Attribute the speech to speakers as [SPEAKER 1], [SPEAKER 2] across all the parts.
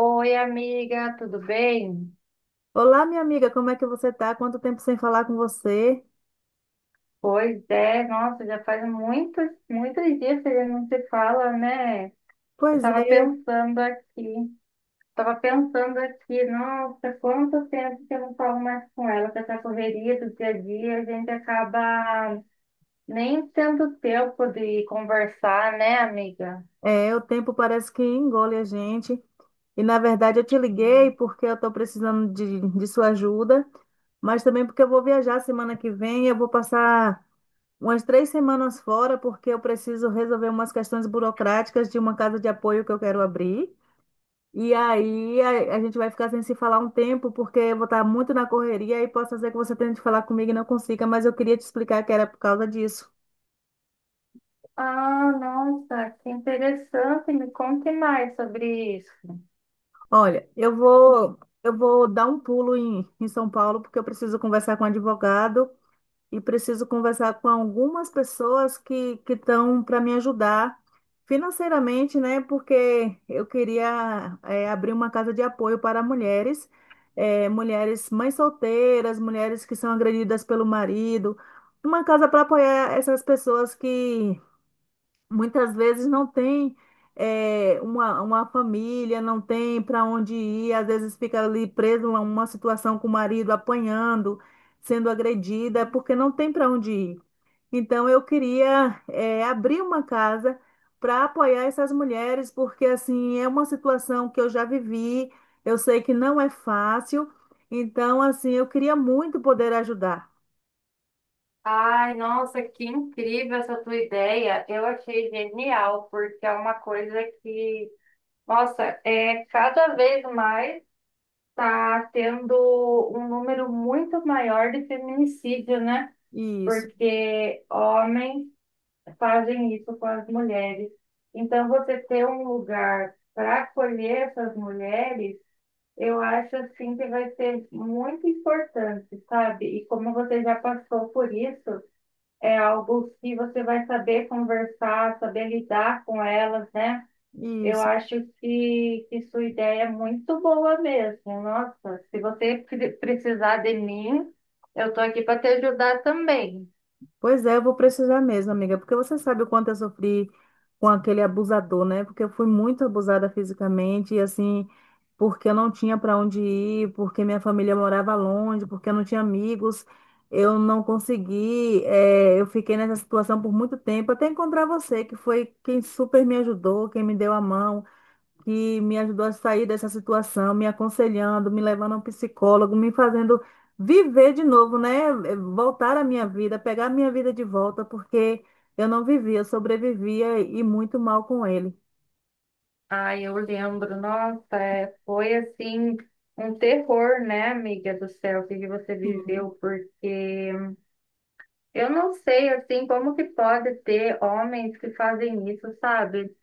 [SPEAKER 1] Oi, amiga, tudo bem?
[SPEAKER 2] Olá, minha amiga, como é que você tá? Quanto tempo sem falar com você?
[SPEAKER 1] Pois é, nossa, já faz muitos, muitos dias que a gente não se fala, né? Eu
[SPEAKER 2] Pois
[SPEAKER 1] tava
[SPEAKER 2] é,
[SPEAKER 1] pensando aqui, nossa, quanto tempo que eu não falo mais com ela, com essa correria do dia a dia, a gente acaba nem tendo tempo de conversar, né, amiga?
[SPEAKER 2] o tempo parece que engole a gente. E na verdade eu te liguei porque eu estou precisando de sua ajuda, mas também porque eu vou viajar semana que vem. Eu vou passar umas 3 semanas fora porque eu preciso resolver umas questões burocráticas de uma casa de apoio que eu quero abrir. E aí a gente vai ficar sem se falar um tempo, porque eu vou estar muito na correria e posso ser que você tente falar comigo e não consiga, mas eu queria te explicar que era por causa disso.
[SPEAKER 1] Ah, nossa, que interessante, me conte mais sobre isso.
[SPEAKER 2] Olha, eu vou dar um pulo em São Paulo porque eu preciso conversar com um advogado e preciso conversar com algumas pessoas que estão para me ajudar financeiramente, né? Porque eu queria abrir uma casa de apoio para mulheres, mulheres mães solteiras, mulheres que são agredidas pelo marido, uma casa para apoiar essas pessoas que muitas vezes não tem uma família, não tem para onde ir, às vezes fica ali preso a uma situação com o marido apanhando, sendo agredida, é porque não tem para onde ir. Então eu queria abrir uma casa para apoiar essas mulheres, porque assim é uma situação que eu já vivi, eu sei que não é fácil, então assim eu queria muito poder ajudar.
[SPEAKER 1] Ai, nossa, que incrível essa tua ideia. Eu achei genial, porque é uma coisa que, nossa, é cada vez mais tá tendo um número muito maior de feminicídio, né?
[SPEAKER 2] Isso,
[SPEAKER 1] Porque homens fazem isso com as mulheres. Então, você ter um lugar para acolher essas mulheres, eu acho assim que vai ser muito importante, sabe? E como você já passou por isso, é algo que você vai saber conversar, saber lidar com elas, né? Eu
[SPEAKER 2] isso.
[SPEAKER 1] acho que sua ideia é muito boa mesmo. Nossa, se você precisar de mim, eu estou aqui para te ajudar também.
[SPEAKER 2] Pois é, eu vou precisar mesmo, amiga, porque você sabe o quanto eu sofri com aquele abusador, né? Porque eu fui muito abusada fisicamente e assim, porque eu não tinha para onde ir, porque minha família morava longe, porque eu não tinha amigos, eu não consegui, eu fiquei nessa situação por muito tempo, até encontrar você, que foi quem super me ajudou, quem me deu a mão, que me ajudou a sair dessa situação, me aconselhando, me levando a um psicólogo, me fazendo viver de novo, né? Voltar à minha vida, pegar a minha vida de volta, porque eu não vivia, eu sobrevivia e muito mal com ele.
[SPEAKER 1] Ah, eu lembro, nossa, é, foi assim um terror, né, amiga do céu, que você viveu,
[SPEAKER 2] Sim.
[SPEAKER 1] porque eu não sei assim como que pode ter homens que fazem isso, sabe?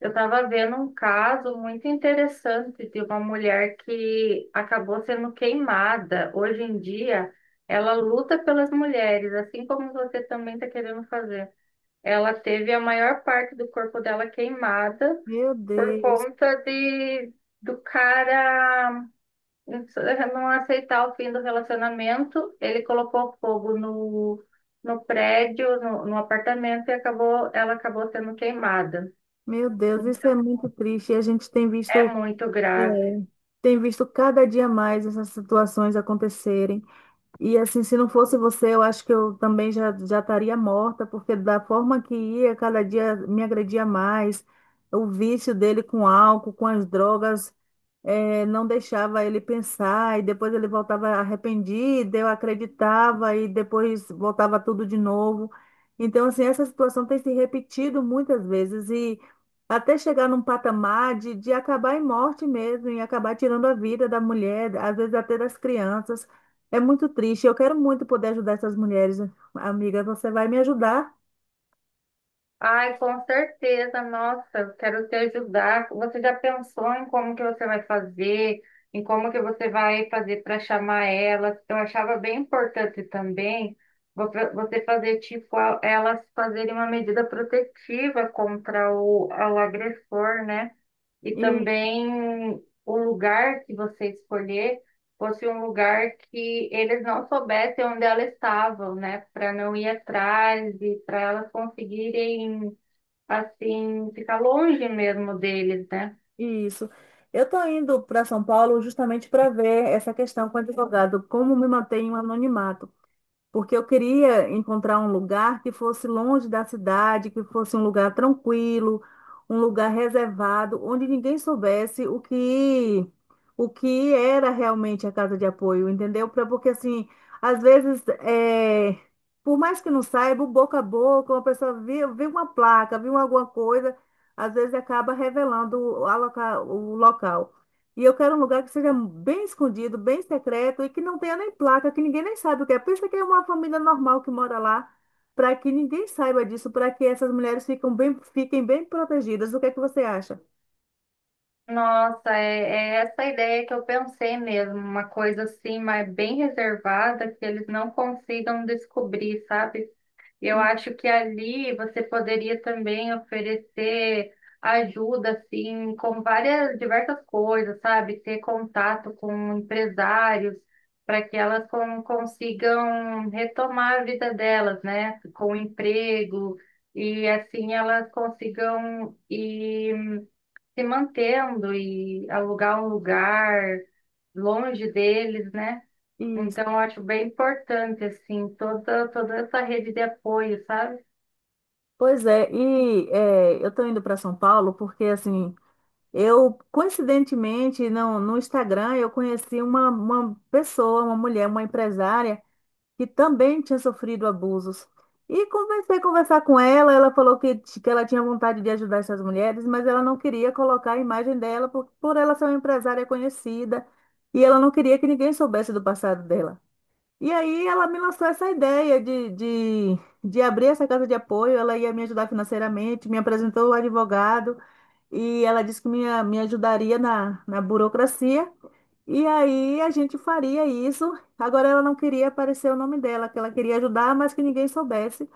[SPEAKER 1] Eu estava vendo um caso muito interessante de uma mulher que acabou sendo queimada. Hoje em dia, ela luta pelas mulheres, assim como você também está querendo fazer. Ela teve a maior parte do corpo dela queimada
[SPEAKER 2] Meu
[SPEAKER 1] por
[SPEAKER 2] Deus,
[SPEAKER 1] conta de do cara não aceitar o fim do relacionamento. Ele colocou fogo no prédio, no apartamento e acabou, ela acabou sendo queimada.
[SPEAKER 2] meu Deus, isso
[SPEAKER 1] Então,
[SPEAKER 2] é muito triste. E a gente tem
[SPEAKER 1] é
[SPEAKER 2] visto,
[SPEAKER 1] muito grave.
[SPEAKER 2] eh, tem visto cada dia mais essas situações acontecerem. E assim, se não fosse você, eu acho que eu também já estaria morta, porque da forma que ia, cada dia me agredia mais. O vício dele com álcool, com as drogas, não deixava ele pensar, e depois ele voltava arrependido, eu acreditava, e depois voltava tudo de novo. Então, assim, essa situação tem se repetido muitas vezes, e até chegar num patamar de acabar em morte mesmo, e acabar tirando a vida da mulher, às vezes até das crianças. É muito triste. Eu quero muito poder ajudar essas mulheres, amiga. Você vai me ajudar?
[SPEAKER 1] Ai, com certeza, nossa, eu quero te ajudar. Você já pensou em como que você vai fazer, em como que você vai fazer para chamar elas? Eu achava bem importante também você fazer tipo elas fazerem uma medida protetiva contra o agressor, né? E também o lugar que você escolher fosse um lugar que eles não soubessem onde elas estavam, né? Para não ir atrás e para elas conseguirem assim, ficar longe mesmo deles, né?
[SPEAKER 2] Isso. Eu estou indo para São Paulo justamente para ver essa questão com o advogado, como me mantenho anonimato porque eu queria encontrar um lugar que fosse longe da cidade, que fosse um lugar tranquilo, um lugar reservado, onde ninguém soubesse o que era realmente a casa de apoio, entendeu? Porque assim, às vezes, é, por mais que não saiba, o boca a boca, uma pessoa viu, viu uma placa, viu alguma coisa, às vezes acaba revelando o local. E eu quero um lugar que seja bem escondido, bem secreto e que não tenha nem placa, que ninguém nem saiba o que é. Pensa que é uma família normal que mora lá, para que ninguém saiba disso, para que essas mulheres ficam bem, fiquem bem protegidas. O que é que você acha?
[SPEAKER 1] Nossa, é, é essa ideia que eu pensei mesmo, uma coisa assim, mas bem reservada, que eles não consigam descobrir, sabe? Eu
[SPEAKER 2] E,
[SPEAKER 1] acho que ali você poderia também oferecer ajuda, assim, com várias, diversas coisas, sabe? Ter contato com empresários para que elas consigam retomar a vida delas, né? Com emprego e assim elas consigam ir se mantendo e alugar um lugar longe deles, né?
[SPEAKER 2] e-
[SPEAKER 1] Então, eu acho bem importante, assim, toda, toda essa rede de apoio, sabe?
[SPEAKER 2] pois é, e é, eu estou indo para São Paulo porque, assim, eu, coincidentemente, no Instagram, eu conheci uma pessoa, uma mulher, uma empresária que também tinha sofrido abusos. E comecei a conversar com ela, ela falou que ela tinha vontade de ajudar essas mulheres, mas ela não queria colocar a imagem dela por ela ser uma empresária conhecida, e ela não queria que ninguém soubesse do passado dela. E aí ela me lançou essa ideia de abrir essa casa de apoio, ela ia me ajudar financeiramente, me apresentou o advogado, e ela disse que me ajudaria na burocracia. E aí a gente faria isso. Agora ela não queria aparecer o nome dela, que ela queria ajudar, mas que ninguém soubesse.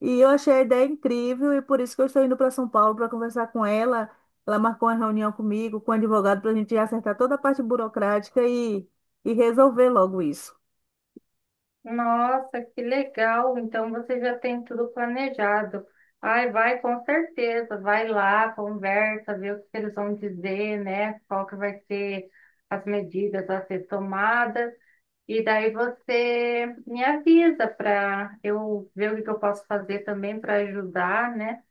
[SPEAKER 2] E eu achei a ideia incrível e por isso que eu estou indo para São Paulo para conversar com ela. Ela marcou uma reunião comigo, com o advogado, para a gente acertar toda a parte burocrática e resolver logo isso.
[SPEAKER 1] Nossa, que legal! Então, você já tem tudo planejado. Ai, vai com certeza, vai lá, conversa, vê o que eles vão dizer, né? Qual que vai ser as medidas a ser tomadas. E daí você me avisa para eu ver o que que eu posso fazer também para ajudar, né?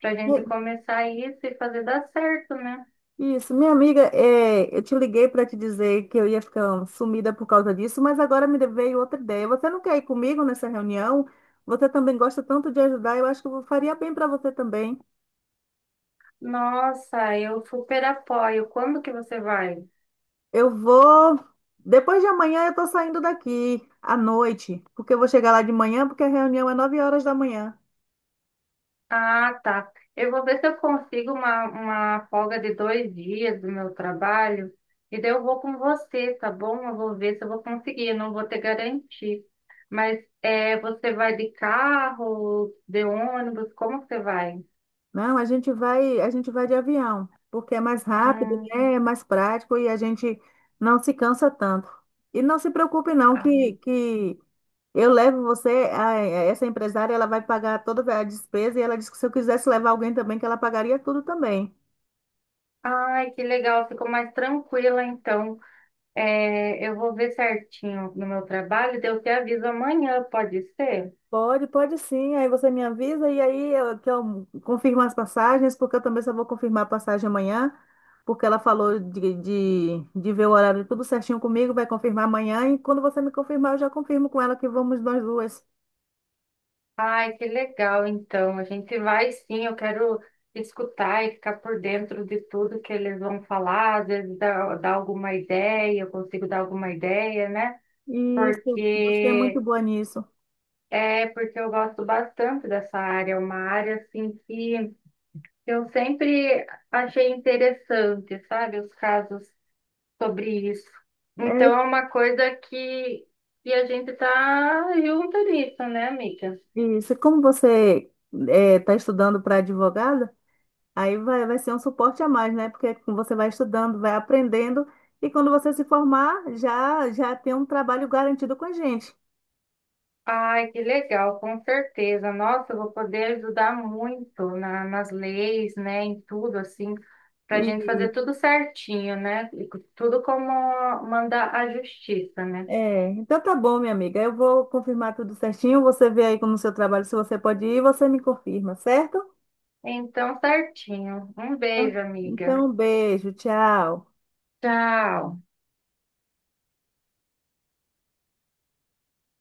[SPEAKER 1] Pra gente
[SPEAKER 2] E-
[SPEAKER 1] começar isso e fazer dar certo, né?
[SPEAKER 2] Isso, minha amiga, eu te liguei para te dizer que eu ia ficar sumida por causa disso, mas agora me veio outra ideia. Você não quer ir comigo nessa reunião? Você também gosta tanto de ajudar, eu acho que eu faria bem para você também.
[SPEAKER 1] Nossa, eu super apoio. Quando que você vai?
[SPEAKER 2] Eu vou. Depois de amanhã eu tô saindo daqui à noite, porque eu vou chegar lá de manhã, porque a reunião é 9 horas da manhã.
[SPEAKER 1] Ah, tá. Eu vou ver se eu consigo uma folga de 2 dias do meu trabalho e daí eu vou com você, tá bom? Eu vou ver se eu vou conseguir, eu não vou ter garantir. Mas é, você vai de carro, de ônibus, como que você vai?
[SPEAKER 2] Não, a gente vai de avião, porque é mais rápido, né?
[SPEAKER 1] Hum.
[SPEAKER 2] É mais prático e a gente não se cansa tanto. E não se preocupe não que eu levo você, essa empresária, ela vai pagar toda a despesa e ela disse que se eu quisesse levar alguém também, que ela pagaria tudo também.
[SPEAKER 1] Ai, que legal, ficou mais tranquila então. É, eu vou ver certinho no meu trabalho, daí eu te aviso amanhã, pode ser?
[SPEAKER 2] Pode sim. Aí você me avisa e aí que eu confirmo as passagens, porque eu também só vou confirmar a passagem amanhã, porque ela falou de ver o horário tudo certinho comigo, vai confirmar amanhã. E quando você me confirmar, eu já confirmo com ela que vamos nós duas.
[SPEAKER 1] Ai, que legal, então. A gente vai sim, eu quero escutar e ficar por dentro de tudo que eles vão falar, às vezes dar, dar alguma ideia, eu consigo dar alguma ideia, né?
[SPEAKER 2] Isso, você é muito
[SPEAKER 1] Porque
[SPEAKER 2] boa nisso.
[SPEAKER 1] é porque eu gosto bastante dessa área, é uma área assim que eu sempre achei interessante, sabe? Os casos sobre isso. Então
[SPEAKER 2] É
[SPEAKER 1] é uma coisa que a gente tá junto nisso, né, amiga?
[SPEAKER 2] isso. Como você está estudando para advogada, aí vai ser um suporte a mais, né? Porque você vai estudando, vai aprendendo, e quando você se formar, já tem um trabalho garantido com a gente.
[SPEAKER 1] Ai, que legal, com certeza. Nossa, eu vou poder ajudar muito nas leis, né, em tudo, assim, para a gente fazer
[SPEAKER 2] E,
[SPEAKER 1] tudo certinho, né? E tudo como manda a justiça, né?
[SPEAKER 2] então tá bom, minha amiga. Eu vou confirmar tudo certinho. Você vê aí como no seu trabalho se você pode ir, você me confirma, certo?
[SPEAKER 1] Então, certinho. Um beijo, amiga.
[SPEAKER 2] Então, um beijo, tchau.
[SPEAKER 1] Tchau.